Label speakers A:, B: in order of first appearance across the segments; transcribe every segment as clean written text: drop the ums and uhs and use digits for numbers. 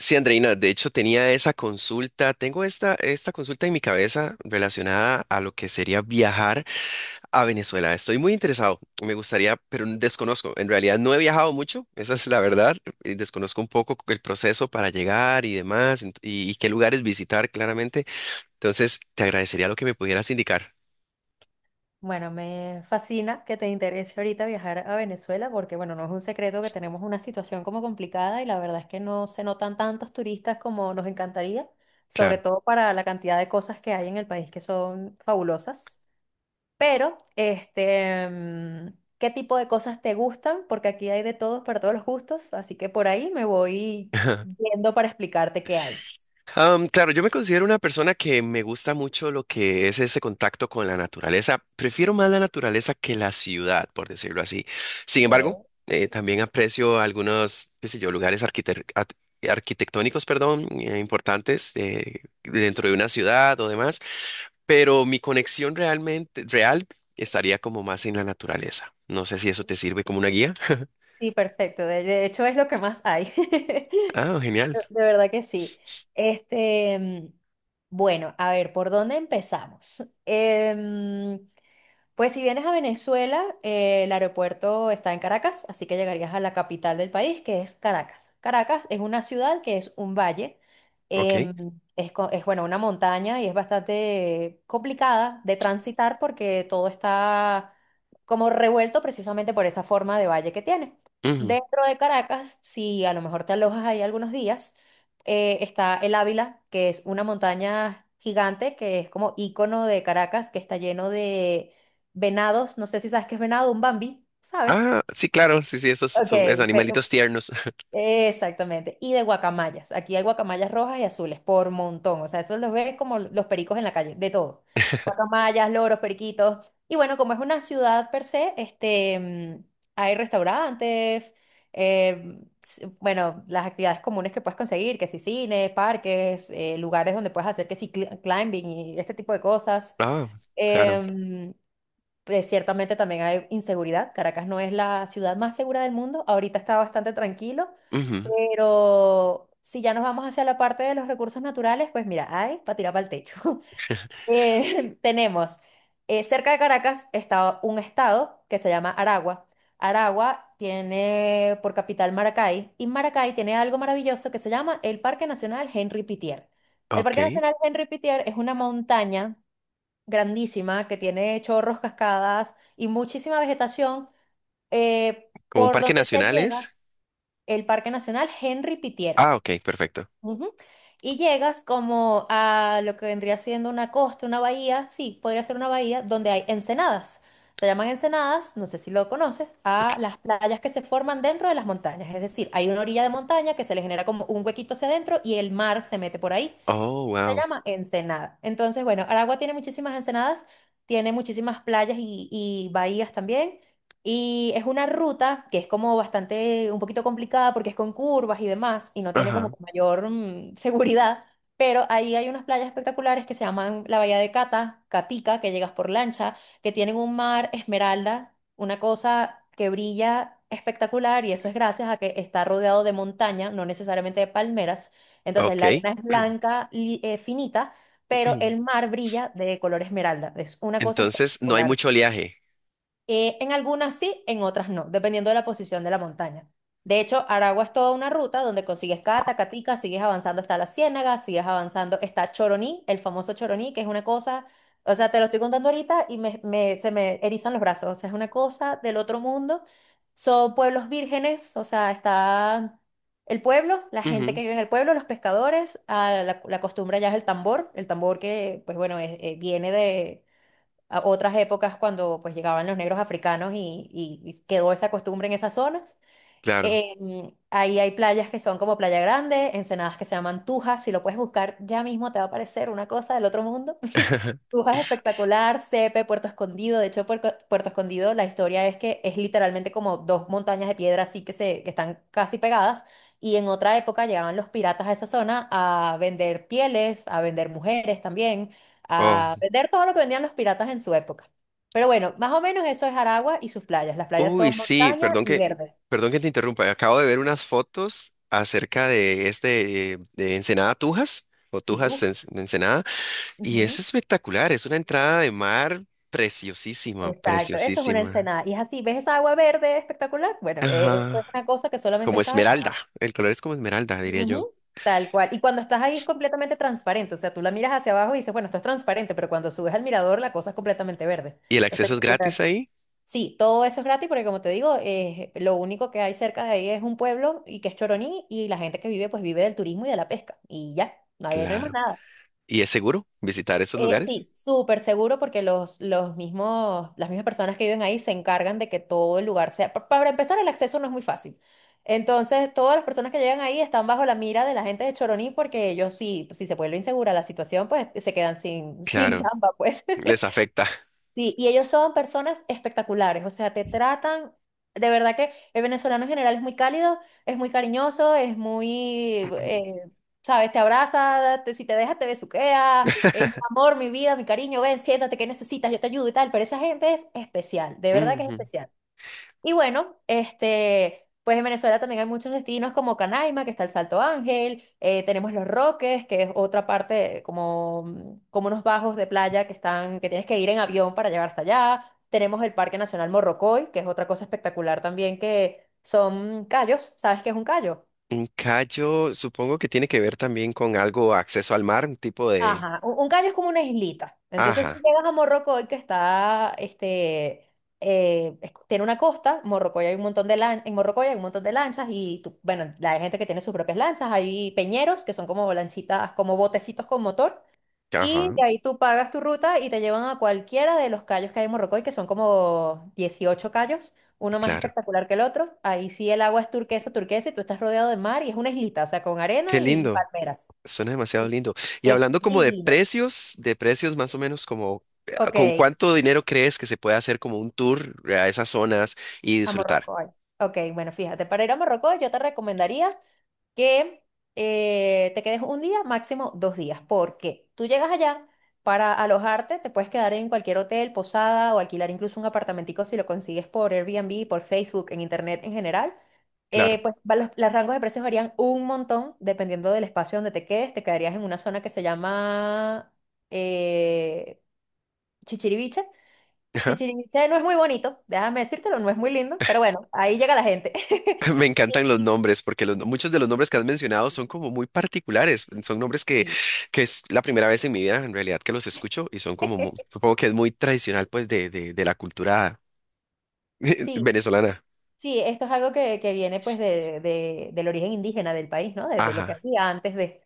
A: Sí, Andreina, de hecho tenía esa consulta, tengo esta consulta en mi cabeza relacionada a lo que sería viajar a Venezuela. Estoy muy interesado, me gustaría, pero desconozco. En realidad no he viajado mucho, esa es la verdad. Desconozco un poco el proceso para llegar y demás, y qué lugares visitar claramente. Entonces, te agradecería lo que me pudieras indicar.
B: Bueno, me fascina que te interese ahorita viajar a Venezuela porque, bueno, no es un secreto que tenemos una situación como complicada y la verdad es que no se notan tantos turistas como nos encantaría, sobre
A: Claro.
B: todo para la cantidad de cosas que hay en el país que son fabulosas. Pero, ¿qué tipo de cosas te gustan? Porque aquí hay de todos para todos los gustos, así que por ahí me voy yendo para explicarte qué hay.
A: Claro, yo me considero una persona que me gusta mucho lo que es ese contacto con la naturaleza. Prefiero más la naturaleza que la ciudad, por decirlo así. Sin embargo, también aprecio algunos, qué sé yo, lugares arquitectónicos, perdón, importantes dentro de una ciudad o demás, pero mi conexión realmente real estaría como más en la naturaleza. No sé si eso te sirve como una guía.
B: Sí, perfecto. De hecho, es lo que más hay. De
A: Ah, genial.
B: de verdad que sí. Este, mm, bueno, a ver, ¿por dónde empezamos? Pues si vienes a Venezuela, el aeropuerto está en Caracas, así que llegarías a la capital del país, que es Caracas. Caracas es una ciudad que es un valle,
A: Ok.
B: em, es bueno, una montaña y es bastante complicada de transitar porque todo está como revuelto precisamente por esa forma de valle que tiene.
A: Ujú.
B: Dentro de Caracas, si a lo mejor te alojas ahí algunos días, está el Ávila, que es una montaña gigante que es como ícono de Caracas, que está lleno de venados, no sé si sabes qué es venado, un bambi, ¿sabes?
A: Ah, sí, claro, sí, sí, esos son esos
B: Ok, pero
A: animalitos tiernos.
B: exactamente, y de guacamayas. Aquí hay guacamayas rojas y azules por montón, o sea, esos los ves como los pericos en la calle, de todo. Guacamayas, loros, periquitos. Y bueno, como es una ciudad per se, hay restaurantes, bueno, las actividades comunes que puedes conseguir, que si cine, parques, lugares donde puedes hacer que si climbing y este tipo de cosas.
A: Ah, claro.
B: Em, pues, ciertamente también hay inseguridad. Caracas no es la ciudad más segura del mundo. Ahorita está bastante tranquilo,
A: Ujú.
B: pero si ya nos vamos hacia la parte de los recursos naturales, pues mira, hay para tirar para el techo. Eh, tenemos, Cerca de Caracas está un estado que se llama Aragua. Aragua tiene por capital Maracay y Maracay tiene algo maravilloso que se llama el Parque Nacional Henry Pittier. El
A: Ok.
B: Parque Nacional Henry Pittier es una montaña grandísima que tiene chorros, cascadas y muchísima vegetación,
A: ¿Como un
B: por
A: parque
B: donde se
A: nacional
B: llega
A: es?
B: el Parque Nacional Henry Pittier.
A: Ah, ok, perfecto.
B: Ujú. Y llegas como a lo que vendría siendo una costa, una bahía, sí, podría ser una bahía, donde hay ensenadas. Se llaman ensenadas, no sé si lo conoces,
A: Ok.
B: a las playas que se forman dentro de las montañas. Es decir, hay una orilla de montaña que se le genera como un huequito hacia adentro y el mar se mete por ahí.
A: Oh,
B: Se
A: wow.
B: llama Ensenada. Entonces, bueno, Aragua tiene muchísimas ensenadas, tiene muchísimas playas y bahías también. Y es una ruta que es como bastante, un poquito complicada porque es con curvas y demás y no tiene como
A: Ajá.
B: mayor seguridad. Pero ahí hay unas playas espectaculares que se llaman la Bahía de Cata, Catica, que llegas por lancha, que tienen un mar esmeralda, una cosa que brilla espectacular y eso es gracias a que está rodeado de montaña, no necesariamente de palmeras. Entonces, la
A: Ok.
B: arena es blanca, finita, pero el mar brilla de color esmeralda. Es una cosa
A: Entonces no hay
B: espectacular.
A: mucho oleaje.
B: En algunas sí, en otras no, dependiendo de la posición de la montaña. De hecho, Aragua es toda una ruta donde consigues Cata, Catica, sigues avanzando hasta la Ciénaga, sigues avanzando, está Choroní, el famoso Choroní, que es una cosa, o sea, te lo estoy contando ahorita y se me erizan los brazos, o sea, es una cosa del otro mundo. Son pueblos vírgenes, o sea, está el pueblo, la gente
A: Ujú.
B: que vive en el pueblo, los pescadores, ah, la costumbre allá es el tambor que, pues bueno, viene de a otras épocas cuando pues llegaban los negros africanos y quedó esa costumbre en esas zonas.
A: Claro.
B: Ahí hay playas que son como Playa Grande, ensenadas que se llaman Tujas, si lo puedes buscar ya mismo te va a parecer una cosa del otro mundo. Brujas espectacular, Cepe, Puerto Escondido. De hecho, Puerto Escondido, la historia es que es literalmente como dos montañas de piedra así que, que están casi pegadas. Y en otra época llegaban los piratas a esa zona a vender pieles, a vender mujeres también,
A: Oh.
B: a vender todo lo que vendían los piratas en su época. Pero bueno, más o menos eso es Aragua y sus playas. Las playas
A: Uy,
B: son
A: sí,
B: montaña y verde.
A: perdón que te interrumpa. Acabo de ver unas fotos acerca de este de Ensenada Tujas o
B: Sí,
A: Tujas
B: uff.
A: de Ensenada y es
B: Ujú.
A: espectacular, es una entrada de mar preciosísima,
B: Exacto, eso es una
A: preciosísima.
B: ensenada. Y es así, ¿ves esa agua verde espectacular? Bueno, eso es
A: Ajá,
B: una cosa que solamente
A: como
B: está en
A: esmeralda.
B: Aragua.
A: El color es como esmeralda, diría yo.
B: Ujú. Tal cual. Y cuando estás ahí es completamente transparente. O sea, tú la miras hacia abajo y dices, bueno, esto es transparente, pero cuando subes al mirador la cosa es completamente verde.
A: ¿Y el acceso es gratis
B: Espectacular.
A: ahí?
B: Sí, todo eso es gratis porque como te digo, lo único que hay cerca de ahí es un pueblo y que es Choroní y la gente que vive pues vive del turismo y de la pesca. Y ya, no hay más
A: Claro.
B: nada.
A: ¿Y es seguro visitar esos lugares?
B: Sí, súper seguro porque las mismas personas que viven ahí se encargan de que todo el lugar sea... Para empezar, el acceso no es muy fácil. Entonces, todas las personas que llegan ahí están bajo la mira de la gente de Choroní porque ellos sí, si se vuelve insegura la situación, pues se quedan sin, sin
A: Claro,
B: chamba, pues.
A: les afecta.
B: Sí, y ellos son personas espectaculares, o sea, te tratan, de verdad que el venezolano en general es muy cálido, es muy cariñoso, es muy, sabes, te abraza, si te dejas te besuquea, es mi amor, mi vida, mi cariño, ven, siéntate, ¿qué necesitas? Yo te ayudo y tal, pero esa gente es especial, de verdad que es
A: Ujú.
B: especial. Y bueno, pues en Venezuela también hay muchos destinos como Canaima, que está el Salto Ángel, tenemos Los Roques, que es otra parte como, como unos bajos de playa que están, que tienes que ir en avión para llegar hasta allá. Tenemos el Parque Nacional Morrocoy, que es otra cosa espectacular también, que son callos. ¿Sabes qué es un callo?
A: Un callo, supongo que tiene que ver también con algo acceso al mar, un tipo de...
B: Ajá, un caño es como una islita. Entonces tú
A: Ajá,
B: llegas a Morrocoy, que está, tiene una costa, Morrocoy hay un montón de en Morrocoy hay un montón de lanchas y bueno, hay gente que tiene sus propias lanchas, hay peñeros que son como lanchitas, como botecitos con motor. Y
A: ajá,
B: de ahí tú pagas tu ruta y te llevan a cualquiera de los cayos que hay en Morrocoy, que son como 18 cayos, uno más
A: claro.
B: espectacular que el otro. Ahí sí el agua es turquesa, turquesa y tú estás rodeado de mar y es una islita, o sea, con
A: Qué
B: arena y
A: lindo,
B: palmeras.
A: suena demasiado
B: Sí,
A: lindo. Y
B: es
A: hablando como
B: divino.
A: de precios más o menos como, ¿con
B: Ok,
A: cuánto dinero crees que se puede hacer como un tour a esas zonas y
B: a
A: disfrutar?
B: Morrocoy. Ok, bueno, fíjate, para ir a Morrocoy yo te recomendaría que te quedes un día, máximo 2 días, porque tú llegas allá para alojarte, te puedes quedar en cualquier hotel, posada o alquilar incluso un apartamentico si lo consigues por Airbnb, por Facebook, en internet en general. Eh,
A: Claro.
B: pues va- los, los rangos de precios varían un montón dependiendo del espacio donde te quedes. Te quedarías en una zona que se llama eh, Chichiriviche. Chichén Itzá no es muy bonito, déjame decírtelo, no es muy lindo, pero bueno, ahí llega la gente.
A: Me encantan los nombres, porque los, no- muchos de los nombres que has mencionado son como muy particulares. Son nombres
B: Sí,
A: que es la primera vez en mi vida, en realidad, que los escucho y son como, supongo que es muy tradicional, pues, de la cultura
B: sí,
A: venezolana.
B: sí, esto es algo que viene pues del origen indígena del país, ¿no? De lo que
A: Ajá,
B: había antes de...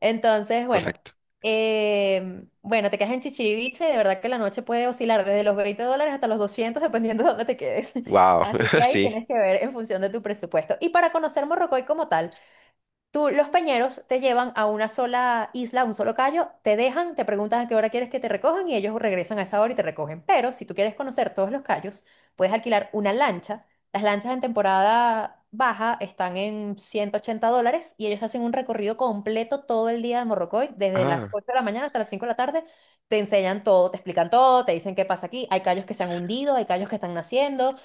B: Entonces, bueno,
A: correcto.
B: bueno, te quedas en Chichiriviche, de verdad que la noche puede oscilar desde los $20 hasta los 200 dependiendo de dónde te quedes.
A: Wow,
B: Así que ahí
A: sí.
B: tienes que ver en función de tu presupuesto. Y para conocer Morrocoy como tal, los peñeros te llevan a una sola isla, a un solo callo, te dejan, te preguntan a qué hora quieres que te recojan y ellos regresan a esa hora y te recogen. Pero si tú quieres conocer todos los callos, puedes alquilar una lancha. Las lanchas en temporada baja están en $180 y ellos hacen un recorrido completo todo el día de Morrocoy, desde las
A: Ah,
B: 8 de la mañana hasta las 5 de la tarde. Te enseñan todo, te explican todo, te dicen qué pasa aquí. Hay callos que se han hundido, hay callos que están naciendo,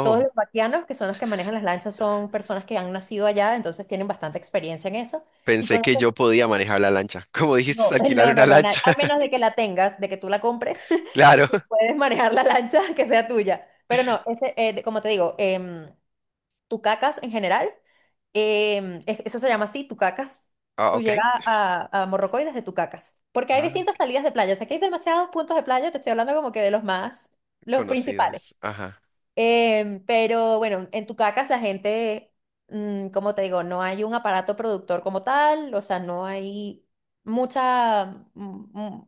B: todos los vaquianos, que son los que manejan las lanchas, son personas que han nacido allá, entonces tienen bastante experiencia en eso. Y
A: pensé que
B: conocen,
A: yo podía manejar la lancha. Como dijiste, es
B: no,
A: alquilar
B: no,
A: una
B: no, no,
A: lancha.
B: al menos de que la tengas, de que tú la compres,
A: Claro.
B: tú puedes manejar la lancha que sea tuya. Pero no, como te digo, Tucacas en general, eso se llama así, Tucacas.
A: Ah,
B: Tú
A: ok.
B: llegas a Morrocoy desde tucacas, porque hay
A: Ah,
B: distintas
A: ok,
B: salidas de playa, o sea, que hay demasiados puntos de playa, te estoy hablando como que de los más, los principales.
A: conocidos. Ajá,
B: Pero bueno, en Tucacas la gente, como te digo, no hay un aparato productor como tal, o sea, no hay mucha, mm,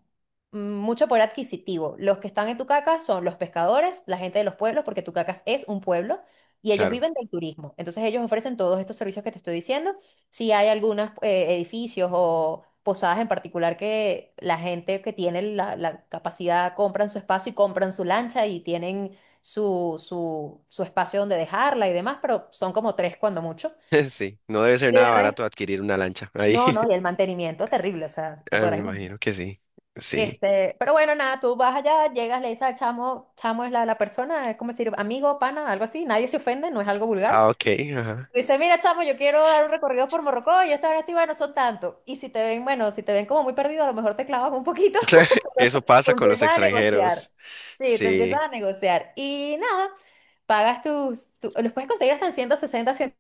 B: mucho poder adquisitivo. Los que están en Tucacas son los pescadores, la gente de los pueblos, porque Tucacas es un pueblo, y ellos
A: claro.
B: viven del turismo. Entonces ellos ofrecen todos estos servicios que te estoy diciendo. Si hay algunos edificios o posadas en particular que la gente que tiene la capacidad compran su espacio y compran su lancha y tienen su espacio donde dejarla y demás, pero son como tres cuando mucho.
A: Sí, no debe ser
B: Y de
A: nada
B: resto,
A: barato adquirir una lancha ahí.
B: no, no, y el mantenimiento terrible, o sea, te
A: Ah, me
B: podrás imaginar.
A: imagino que sí. Sí.
B: Este, pero bueno, nada, tú vas allá, llegas, le dices al chamo, chamo es la persona, es como decir amigo, pana, algo así, nadie se ofende, no es algo vulgar.
A: Ah, ok, ajá.
B: Tú dices, mira, chamo, yo quiero dar un recorrido por Morrocoy, y esta hora sí, bueno, son tanto. Y si te ven, bueno, si te ven como muy perdido, a lo mejor te clavas un poquito.
A: Eso pasa
B: Tú
A: con los
B: empiezas a negociar.
A: extranjeros.
B: Sí, tú empiezas
A: Sí.
B: a negociar. Y nada, pagas los puedes conseguir hasta en 160, ciento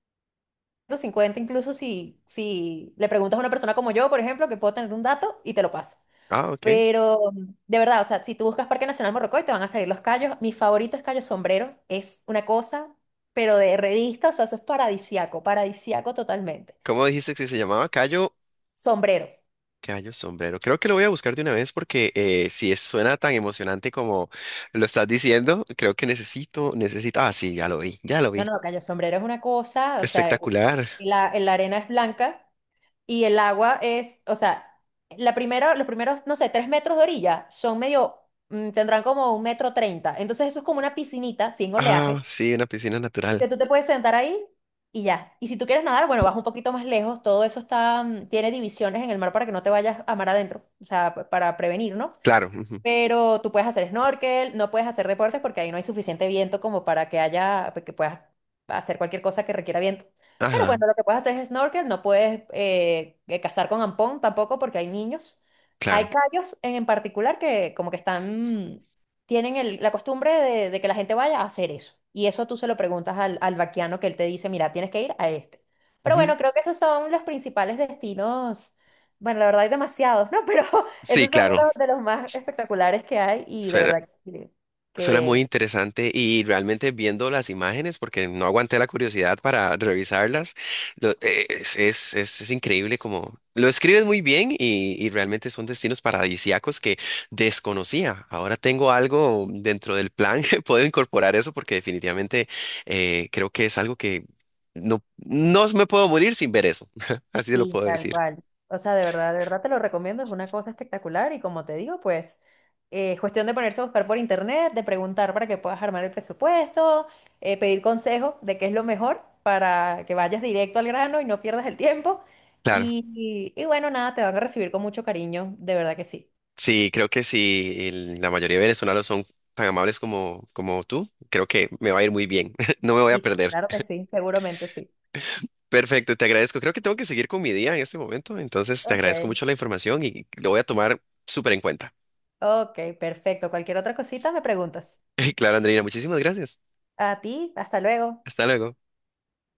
B: cincuenta incluso si, si le preguntas a una persona como yo, por ejemplo, que puedo tener un dato y te lo pasa.
A: Ah, ok.
B: Pero de verdad, o sea, si tú buscas Parque Nacional Morrocoy, te van a salir los callos. Mi favorito es Cayo Sombrero, es una cosa, pero de revista, o sea, eso es paradisiaco, paradisiaco totalmente.
A: ¿Cómo dijiste que se llamaba? Cayo.
B: Sombrero.
A: Cayo Sombrero. Creo que lo voy a buscar de una vez porque si es- suena tan emocionante como lo estás diciendo, creo que necesito, necesito. Ah, sí, ya lo vi, ya lo
B: No,
A: vi.
B: no, Cayo Sombrero es una cosa, o sea,
A: Espectacular.
B: la arena es blanca y el agua es, o sea, la primera, los primeros, no sé, 3 metros de orilla son medio, tendrán como 1,30 m. Entonces eso es como una piscinita sin
A: Ah,
B: oleaje,
A: sí, una piscina
B: que
A: natural.
B: tú te puedes sentar ahí y ya. Y si tú quieres nadar, bueno, vas un poquito más lejos. Todo eso está, tiene divisiones en el mar para que no te vayas a mar adentro, o sea, para prevenir, ¿no?
A: Claro, ujú.
B: Pero tú puedes hacer snorkel, no puedes hacer deportes porque ahí no hay suficiente viento como para que haya, que puedas hacer cualquier cosa que requiera viento. Pero
A: Ajá,
B: bueno, lo que puedes hacer es snorkel, no puedes cazar con ampón tampoco porque hay niños. Hay
A: claro.
B: callos en particular que como que están, tienen la costumbre de que la gente vaya a hacer eso. Y eso tú se lo preguntas al vaquiano que él te dice, mira, tienes que ir a este. Pero
A: Ujú.
B: bueno, creo que esos son los principales destinos. Bueno, la verdad hay demasiados, ¿no? Pero
A: Sí,
B: esos son
A: claro.
B: uno de los más espectaculares que hay y de verdad
A: Suena muy
B: que
A: interesante y realmente viendo las imágenes, porque no aguanté la curiosidad para revisarlas, es increíble como lo escribes muy bien y realmente son destinos paradisíacos que desconocía. Ahora tengo algo dentro del plan que puedo incorporar eso porque definitivamente creo que es algo que no, no me puedo morir sin ver eso, así lo
B: sí,
A: puedo
B: tal
A: decir.
B: cual. O sea, de verdad te lo recomiendo, es una cosa espectacular y como te digo, pues es cuestión de ponerse a buscar por internet, de preguntar para que puedas armar el presupuesto, pedir consejo de qué es lo mejor para que vayas directo al grano y no pierdas el tiempo.
A: Claro.
B: Y bueno, nada, te van a recibir con mucho cariño, de verdad que sí.
A: Sí, creo que si la mayoría de venezolanos son tan amables como, como tú, creo que me va a ir muy bien. No me voy a
B: Y sí,
A: perder.
B: claro que sí, seguramente sí.
A: Perfecto, te agradezco. Creo que tengo que seguir con mi día en este momento, entonces te agradezco
B: Ok.
A: mucho la información y lo voy a tomar súper en cuenta.
B: Ok, perfecto. Cualquier otra cosita me preguntas.
A: Claro, Andreina, muchísimas gracias.
B: A ti, hasta luego.
A: Hasta luego.